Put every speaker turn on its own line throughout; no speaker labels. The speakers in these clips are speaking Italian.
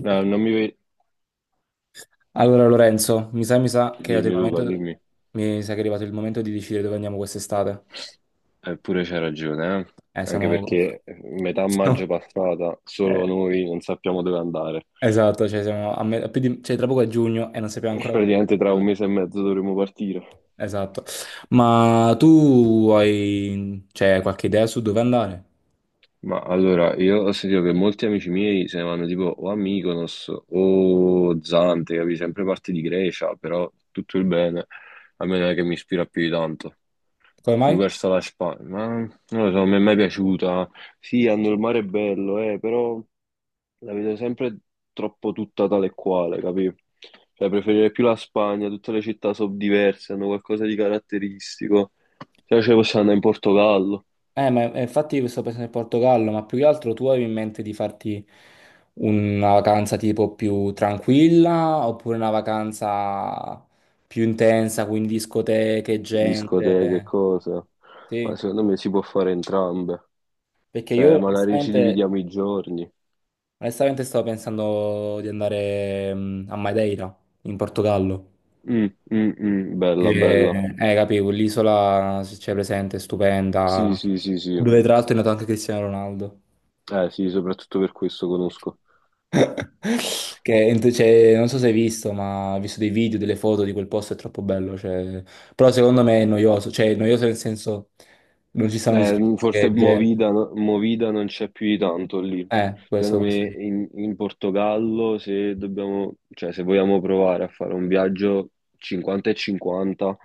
No, non mi... ve-
Allora Lorenzo, mi sa che è
Dimmi
arrivato il
Luca,
momento,
dimmi.
mi sa che è arrivato il momento di decidere dove andiamo quest'estate.
Eppure c'hai ragione, eh? Anche
Siamo.
perché metà
No,
maggio passata
eh,
solo noi non sappiamo dove andare.
esatto, cioè siamo a me- a più di- cioè, tra poco è giugno e non sappiamo ancora dove
Praticamente tra un
andare.
mese e mezzo dovremo partire.
Esatto. Ma tu hai, cioè, qualche idea su dove andare?
Ma allora, io ho sentito che molti amici miei se ne vanno tipo o a Mykonos o Zante, capi? Sempre parti di Grecia, però tutto il bene, a me non è che mi ispira più di tanto.
Come
Più
mai?
verso la Spagna, ma non lo so, mi è mai piaciuta. Sì, hanno il mare bello, però la vedo sempre troppo tutta tale e quale, capi? Cioè, preferirei più la Spagna, tutte le città sono diverse, hanno qualcosa di caratteristico. Se no, ce ne possiamo andare in Portogallo.
Ma infatti io sto pensando in Portogallo, ma più che altro tu avevi in mente di farti una vacanza tipo più tranquilla oppure una vacanza più intensa, quindi discoteche,
Discoteche, e
gente?
cosa? Ma
Sì,
secondo me si può fare entrambe.
perché io
Cioè, magari ci
onestamente,
dividiamo i giorni.
onestamente stavo pensando di andare a Madeira, in Portogallo.
Mm, mm, mm, bella,
Che,
bella.
Capivo, l'isola, se c'è presente, è
Sì,
stupenda,
sì, sì, sì.
dove tra l'altro è nato anche Cristiano Ronaldo.
Sì, soprattutto per questo conosco.
Che cioè, non so se hai visto, ma ho visto dei video, delle foto di quel posto, è troppo bello. Cioè. Però secondo me è noioso, cioè è noioso nel senso non ci stanno discorsi
Forse
che gente.
Movida, no- Movida non c'è più di tanto lì.
Eh,
Secondo
questo, questo
me
sì.
in Portogallo, se dobbiamo, cioè, se vogliamo provare a fare un viaggio 50 e 50,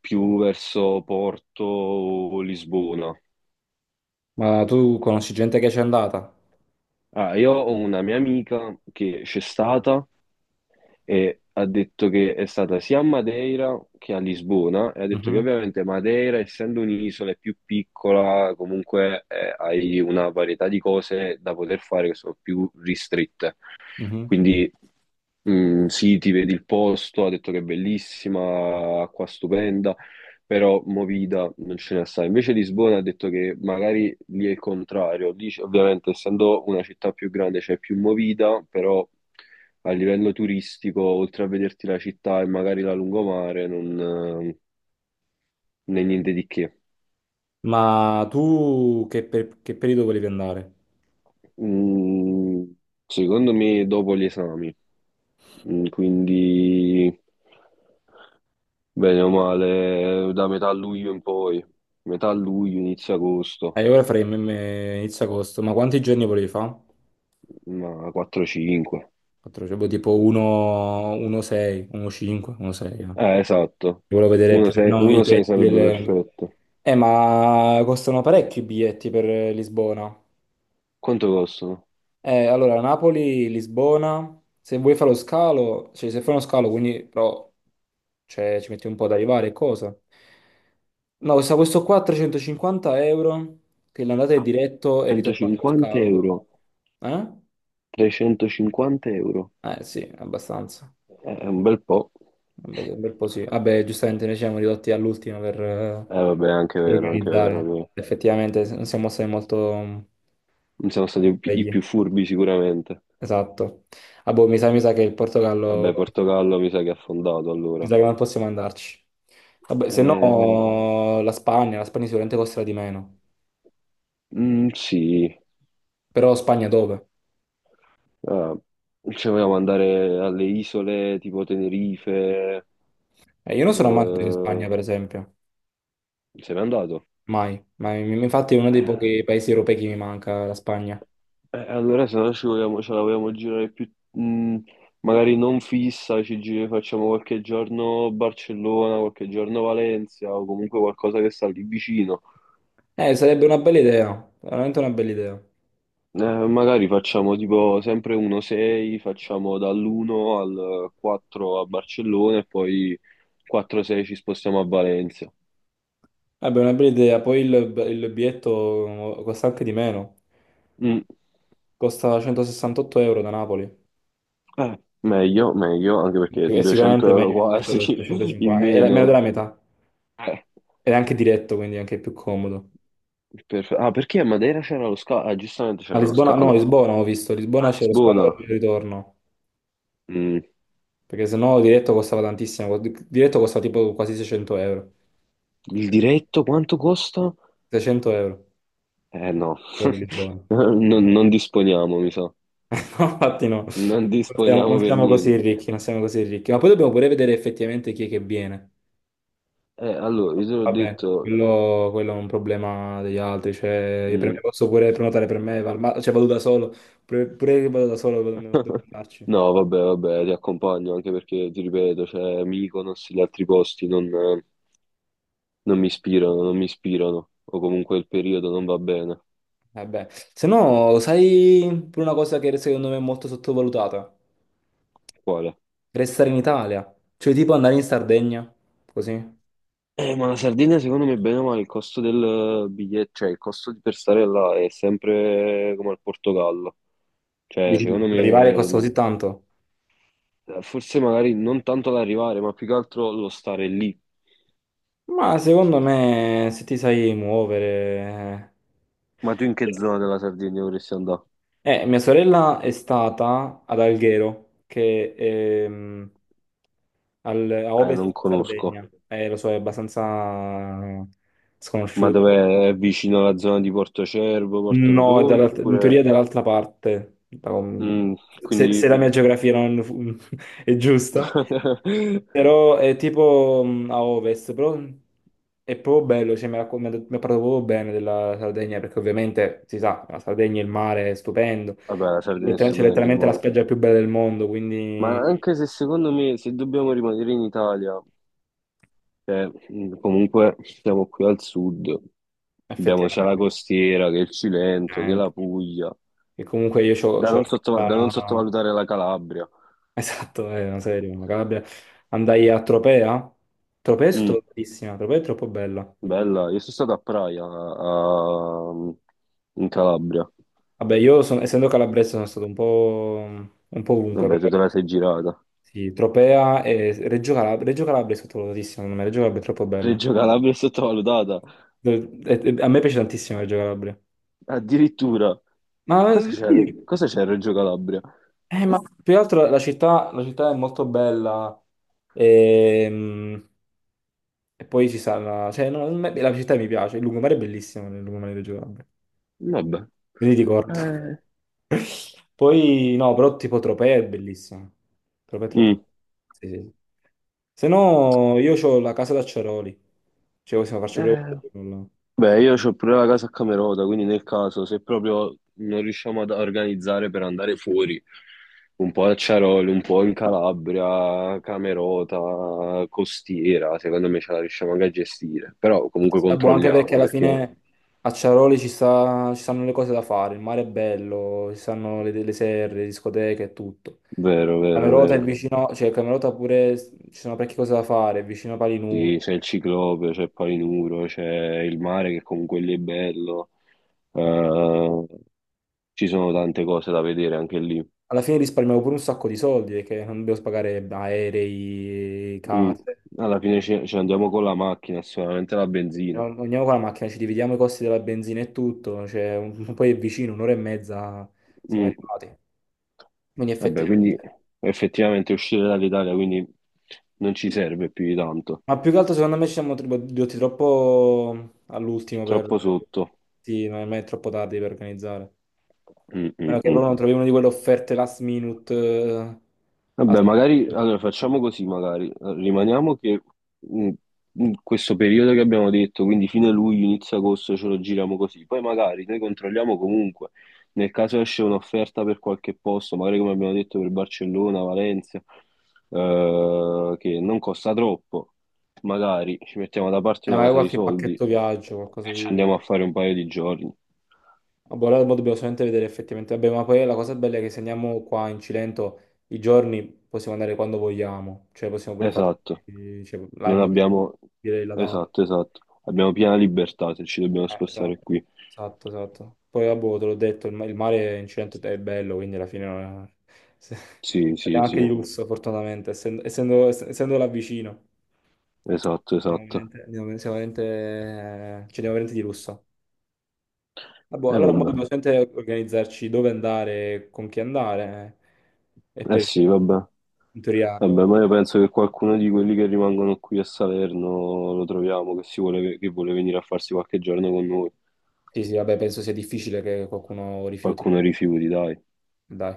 più verso Porto o Lisbona.
Ma tu conosci gente che c'è andata?
Ah, io ho una mia amica che c'è stata e ha detto che è stata sia a Madeira che a Lisbona e ha detto che
Mhm,
ovviamente Madeira, essendo un'isola, è più piccola, comunque hai una varietà di cose da poter fare che sono più ristrette.
mhm.
Quindi sì, ti vedi il posto, ha detto che è bellissima, acqua stupenda, però movida non ce n'è assai. Invece Lisbona ha detto che magari lì è il contrario. Lì, c- ovviamente, essendo una città più grande, c'è più movida, però a livello turistico, oltre a vederti la città e magari la lungomare, non, eh, non è niente di che.
Ma tu che periodo volevi andare?
Mm, secondo me dopo gli esami, Mm, quindi... Bene o male, da metà luglio in poi, metà luglio, inizio agosto,
Io ora farei inizio agosto, ma quanti giorni volevi fare?
ma 4-5.
Quattro, cioè, boh, tipo 1, 1,6, 1,5, 1,6.
Esatto,
Volevo vedere più o meno i
1-6
pezzi
sarebbe
delle.
perfetto.
Ma costano parecchi i biglietti per Lisbona.
Quanto costano?
Allora, Napoli, Lisbona, se vuoi fare lo scalo, cioè se fai uno scalo, quindi però cioè, ci metti un po' ad arrivare e cosa. No, costa questo qua 350 euro, che l'andata è
Ah,
diretto e ritorno allo
150
scalo,
euro,
però.
350 euro.
Eh? Eh sì, abbastanza.
È un bel po'.
Un bel po' sì. Vabbè, giustamente noi ci siamo ridotti all'ultimo per, eh,
Vabbè, è
per
anche vero
organizzare.
che
Effettivamente non siamo stati molto
non siamo stati i pi- i
svegli.
più furbi sicuramente.
Esatto. Ah, boh, mi sa che il Portogallo,
Vabbè, Portogallo mi sa che ha affondato
mi
allora.
sa che non possiamo andarci. Vabbè, se
Eh,
no la Spagna sicuramente costerà di meno.
sì.
Però Spagna dove?
Eh, ci volevamo andare alle isole tipo Tenerife.
Io non sono mai andato in
eh,
Spagna, per esempio.
Se n'è andato.
Mai. Ma infatti è uno dei
Eh,
pochi paesi europei che mi manca, la Spagna.
eh, allora, se no ci vogliamo, ce la vogliamo girare più, magari non fissa, ci giri- facciamo qualche giorno Barcellona, qualche giorno Valencia o comunque qualcosa che sta lì vicino.
Sarebbe una bella idea, veramente una bella idea.
Magari facciamo tipo sempre 1-6, facciamo dall'1 al 4 a Barcellona e poi 4-6 ci spostiamo a Valencia.
Vabbè, una bella idea. Poi il biglietto costa anche di meno.
Mm.
Costa 168 euro da Napoli.
Meglio, meglio, anche perché
È
200
sicuramente
euro
meglio rispetto al
quasi in
350, è meno
meno.
della metà.
Eh,
Ed è anche diretto, quindi è anche più comodo.
per- Ah, perché a Madeira c'era lo scalo? Ah, giustamente
A
c'era lo
Lisbona, no,
scalo.
Lisbona ho visto,
A
Lisbona c'è lo scalo
Lisbona,
e il ritorno,
mm,
perché sennò diretto costava tantissimo, diretto costava tipo quasi 600 euro,
il diretto quanto costa?
600 euro
Eh no,
proprio per Lisbona.
non disponiamo, mi sa.
No, infatti no,
Non
non siamo, non
disponiamo per
siamo così
niente.
ricchi, non siamo così ricchi, ma poi dobbiamo pure vedere effettivamente chi è che viene.
Allora, io te l'ho
Vabbè,
detto...
quello è un problema degli altri, cioè per me
mm,
posso pure prenotare per me, cioè vado da solo, pure che vado da solo devo andarci.
No, vabbè, vabbè, ti accompagno anche perché, ti ripeto, c'è Mykonos e gli altri posti, non, non mi ispirano, non mi ispirano, o comunque il periodo non va bene.
Eh beh, se no, sai pure una cosa che secondo me è molto sottovalutata?
Quale?
Restare in Italia, cioè tipo andare in Sardegna, così.
Ma la Sardegna secondo me bene o male il costo del biglietto, cioè il costo di per stare là è sempre come al Portogallo. Cioè,
Dici,
secondo
arrivare costa così
me
tanto.
forse magari non tanto l'arrivare, ma più che altro lo stare lì.
Ma secondo me, se ti sai muovere.
Ma tu in
Eh,
che zona della Sardegna vorresti andare?
Mia sorella è stata ad Alghero, che è a ovest di
Non conosco.
Sardegna, lo so, è abbastanza
Ma
sconosciuto.
dov'è? È vicino alla zona di Porto Cervo, Porto
No, è
Rotondo,
in
oppure...
teoria è dall'altra parte. Da- com-
Mm,
se,
quindi...
se la mia geografia non è giusta, però è tipo a ovest, però è proprio bello. Cioè, mi ha racco- mi ha detto- mi ha parlato proprio bene della Sardegna, perché ovviamente si sa, la Sardegna, il mare è stupendo.
Vabbè, la Sardegna è
C'è
stupendo il
letteralmente la
mare.
spiaggia più bella del mondo,
Ma
quindi
anche se secondo me, se dobbiamo rimanere in Italia, cioè, comunque siamo qui al sud, abbiamo sia la
effettivamente.
costiera che il Cilento, che la
Effettivamente.
Puglia,
E comunque io ho.
da non, sotto- da non sottovalutare la Calabria.
Esatto, è una serie, una Calabria. Andai a Tropea. Tropea è
Mm,
sottovalutatissima, Tropea è troppo bella.
bella, io sono stato a Praia, a- in Calabria.
Vabbè, essendo calabrese sono stato un po' ovunque,
Vabbè,
però
tu te la sei girata.
sì, Tropea e Reggio Calabria, Reggio Calabria è sottovalutatissima, secondo me, Reggio Calabria è troppo bella.
Reggio Calabria è sottovalutata,
A me piace tantissimo Reggio Calabria.
addirittura.
Ma, sì,
Cosa c'è a Reggio Calabria?
ma più che altro la città è molto bella e, mm, e poi ci sarà. Cioè, no, la città mi piace, il lungomare è bellissimo, il lungomare di Reggio Calabria.
Vabbè.
Me li ricordo.
Eh.
Poi, no, però tipo Tropea è bellissima. Tropea è troppo.
Mm.
Sì, sì. Sì. Se no, io ho la casa d'acciaroli. Cioè, possiamo farci pure
Eh,
quello.
beh, io ho pure la casa a Camerota, quindi nel caso, se proprio non riusciamo ad organizzare per andare fuori, un po' a Ciaroli, un po' in Calabria, Camerota, Costiera, secondo me ce la riusciamo anche a gestire. Però comunque
Infatti, sta buono anche perché
controlliamo,
alla
perché...
fine a Ciaroli ci stanno le cose da fare. Il mare è bello, ci stanno le serre, le discoteche e tutto.
Vero, vero,
Camerota è
vero.
vicino, cioè Camerota pure ci sono parecchie cose da fare, è vicino a Palinuro.
Sì, c'è il ciclope, c'è Palinuro, c'è il mare che comunque lì è bello. Eh, ci sono tante cose da vedere anche lì.
Alla fine risparmiavo pure un sacco di soldi perché non dovevo pagare aerei,
Mm.
case.
Alla fine ci, ci andiamo con la macchina, sicuramente la
No,
benzina.
andiamo con la macchina, ci dividiamo i costi della benzina e tutto. Cioè, poi è vicino, un'ora e mezza siamo
Mm.
arrivati. Quindi
Vabbè,
effettivamente.
quindi effettivamente uscire dall'Italia quindi non ci serve più di tanto.
Ma più che altro secondo me ci siamo ridotti troppo all'ultimo per.
Troppo sotto.
Sì, non è mai troppo tardi per organizzare. A
Mm, mm,
meno che
mm.
loro non trovi una di quelle offerte last minute.
Vabbè,
A-
magari allora facciamo così, magari eh, rimaniamo che mh, in questo periodo che abbiamo detto, quindi fine luglio, inizio agosto ce lo giriamo così. Poi magari noi controlliamo comunque, nel caso esce un'offerta per qualche posto, magari come abbiamo detto per Barcellona, Valencia, che non costa troppo, magari ci mettiamo da parte una
Magari
cosa di
qualche
soldi
pacchetto
e
viaggio, qualcosa
ci
di.
andiamo a fare un paio di giorni.
Ah, boh, allora mo dobbiamo solamente vedere effettivamente. Vabbè, ma poi la cosa bella è che se andiamo qua in Cilento i giorni possiamo andare quando vogliamo, cioè possiamo pure
Esatto.
farci cioè, là in
Non
Molise,
abbiamo...
dire la data.
Esatto, esatto. Abbiamo piena libertà se ci dobbiamo spostare
Esatto,
qui.
esatto, esatto. Poi vabbè, te l'ho detto, il mare in Cilento è bello, quindi alla fine non è- se-
Sì, sì,
andiamo anche di
sì.
lusso, fortunatamente, essendo là vicino.
Esatto,
Andiamo
esatto.
veramente, siamo veramente, ci andiamo veramente di lusso. Ah, boh,
E
allora mo
vabbè.
dobbiamo sempre organizzarci dove andare, con chi andare. E
Eh
per
sì, vabbè.
in teoria abbiamo-
Vabbè, ma io penso che qualcuno di quelli che rimangono qui a Salerno lo troviamo, che, si vuole, che vuole venire a farsi qualche giorno con noi.
Sì, sì, vabbè, penso sia difficile che qualcuno rifiuti.
Qualcuno rifiuti, dai.
Dai.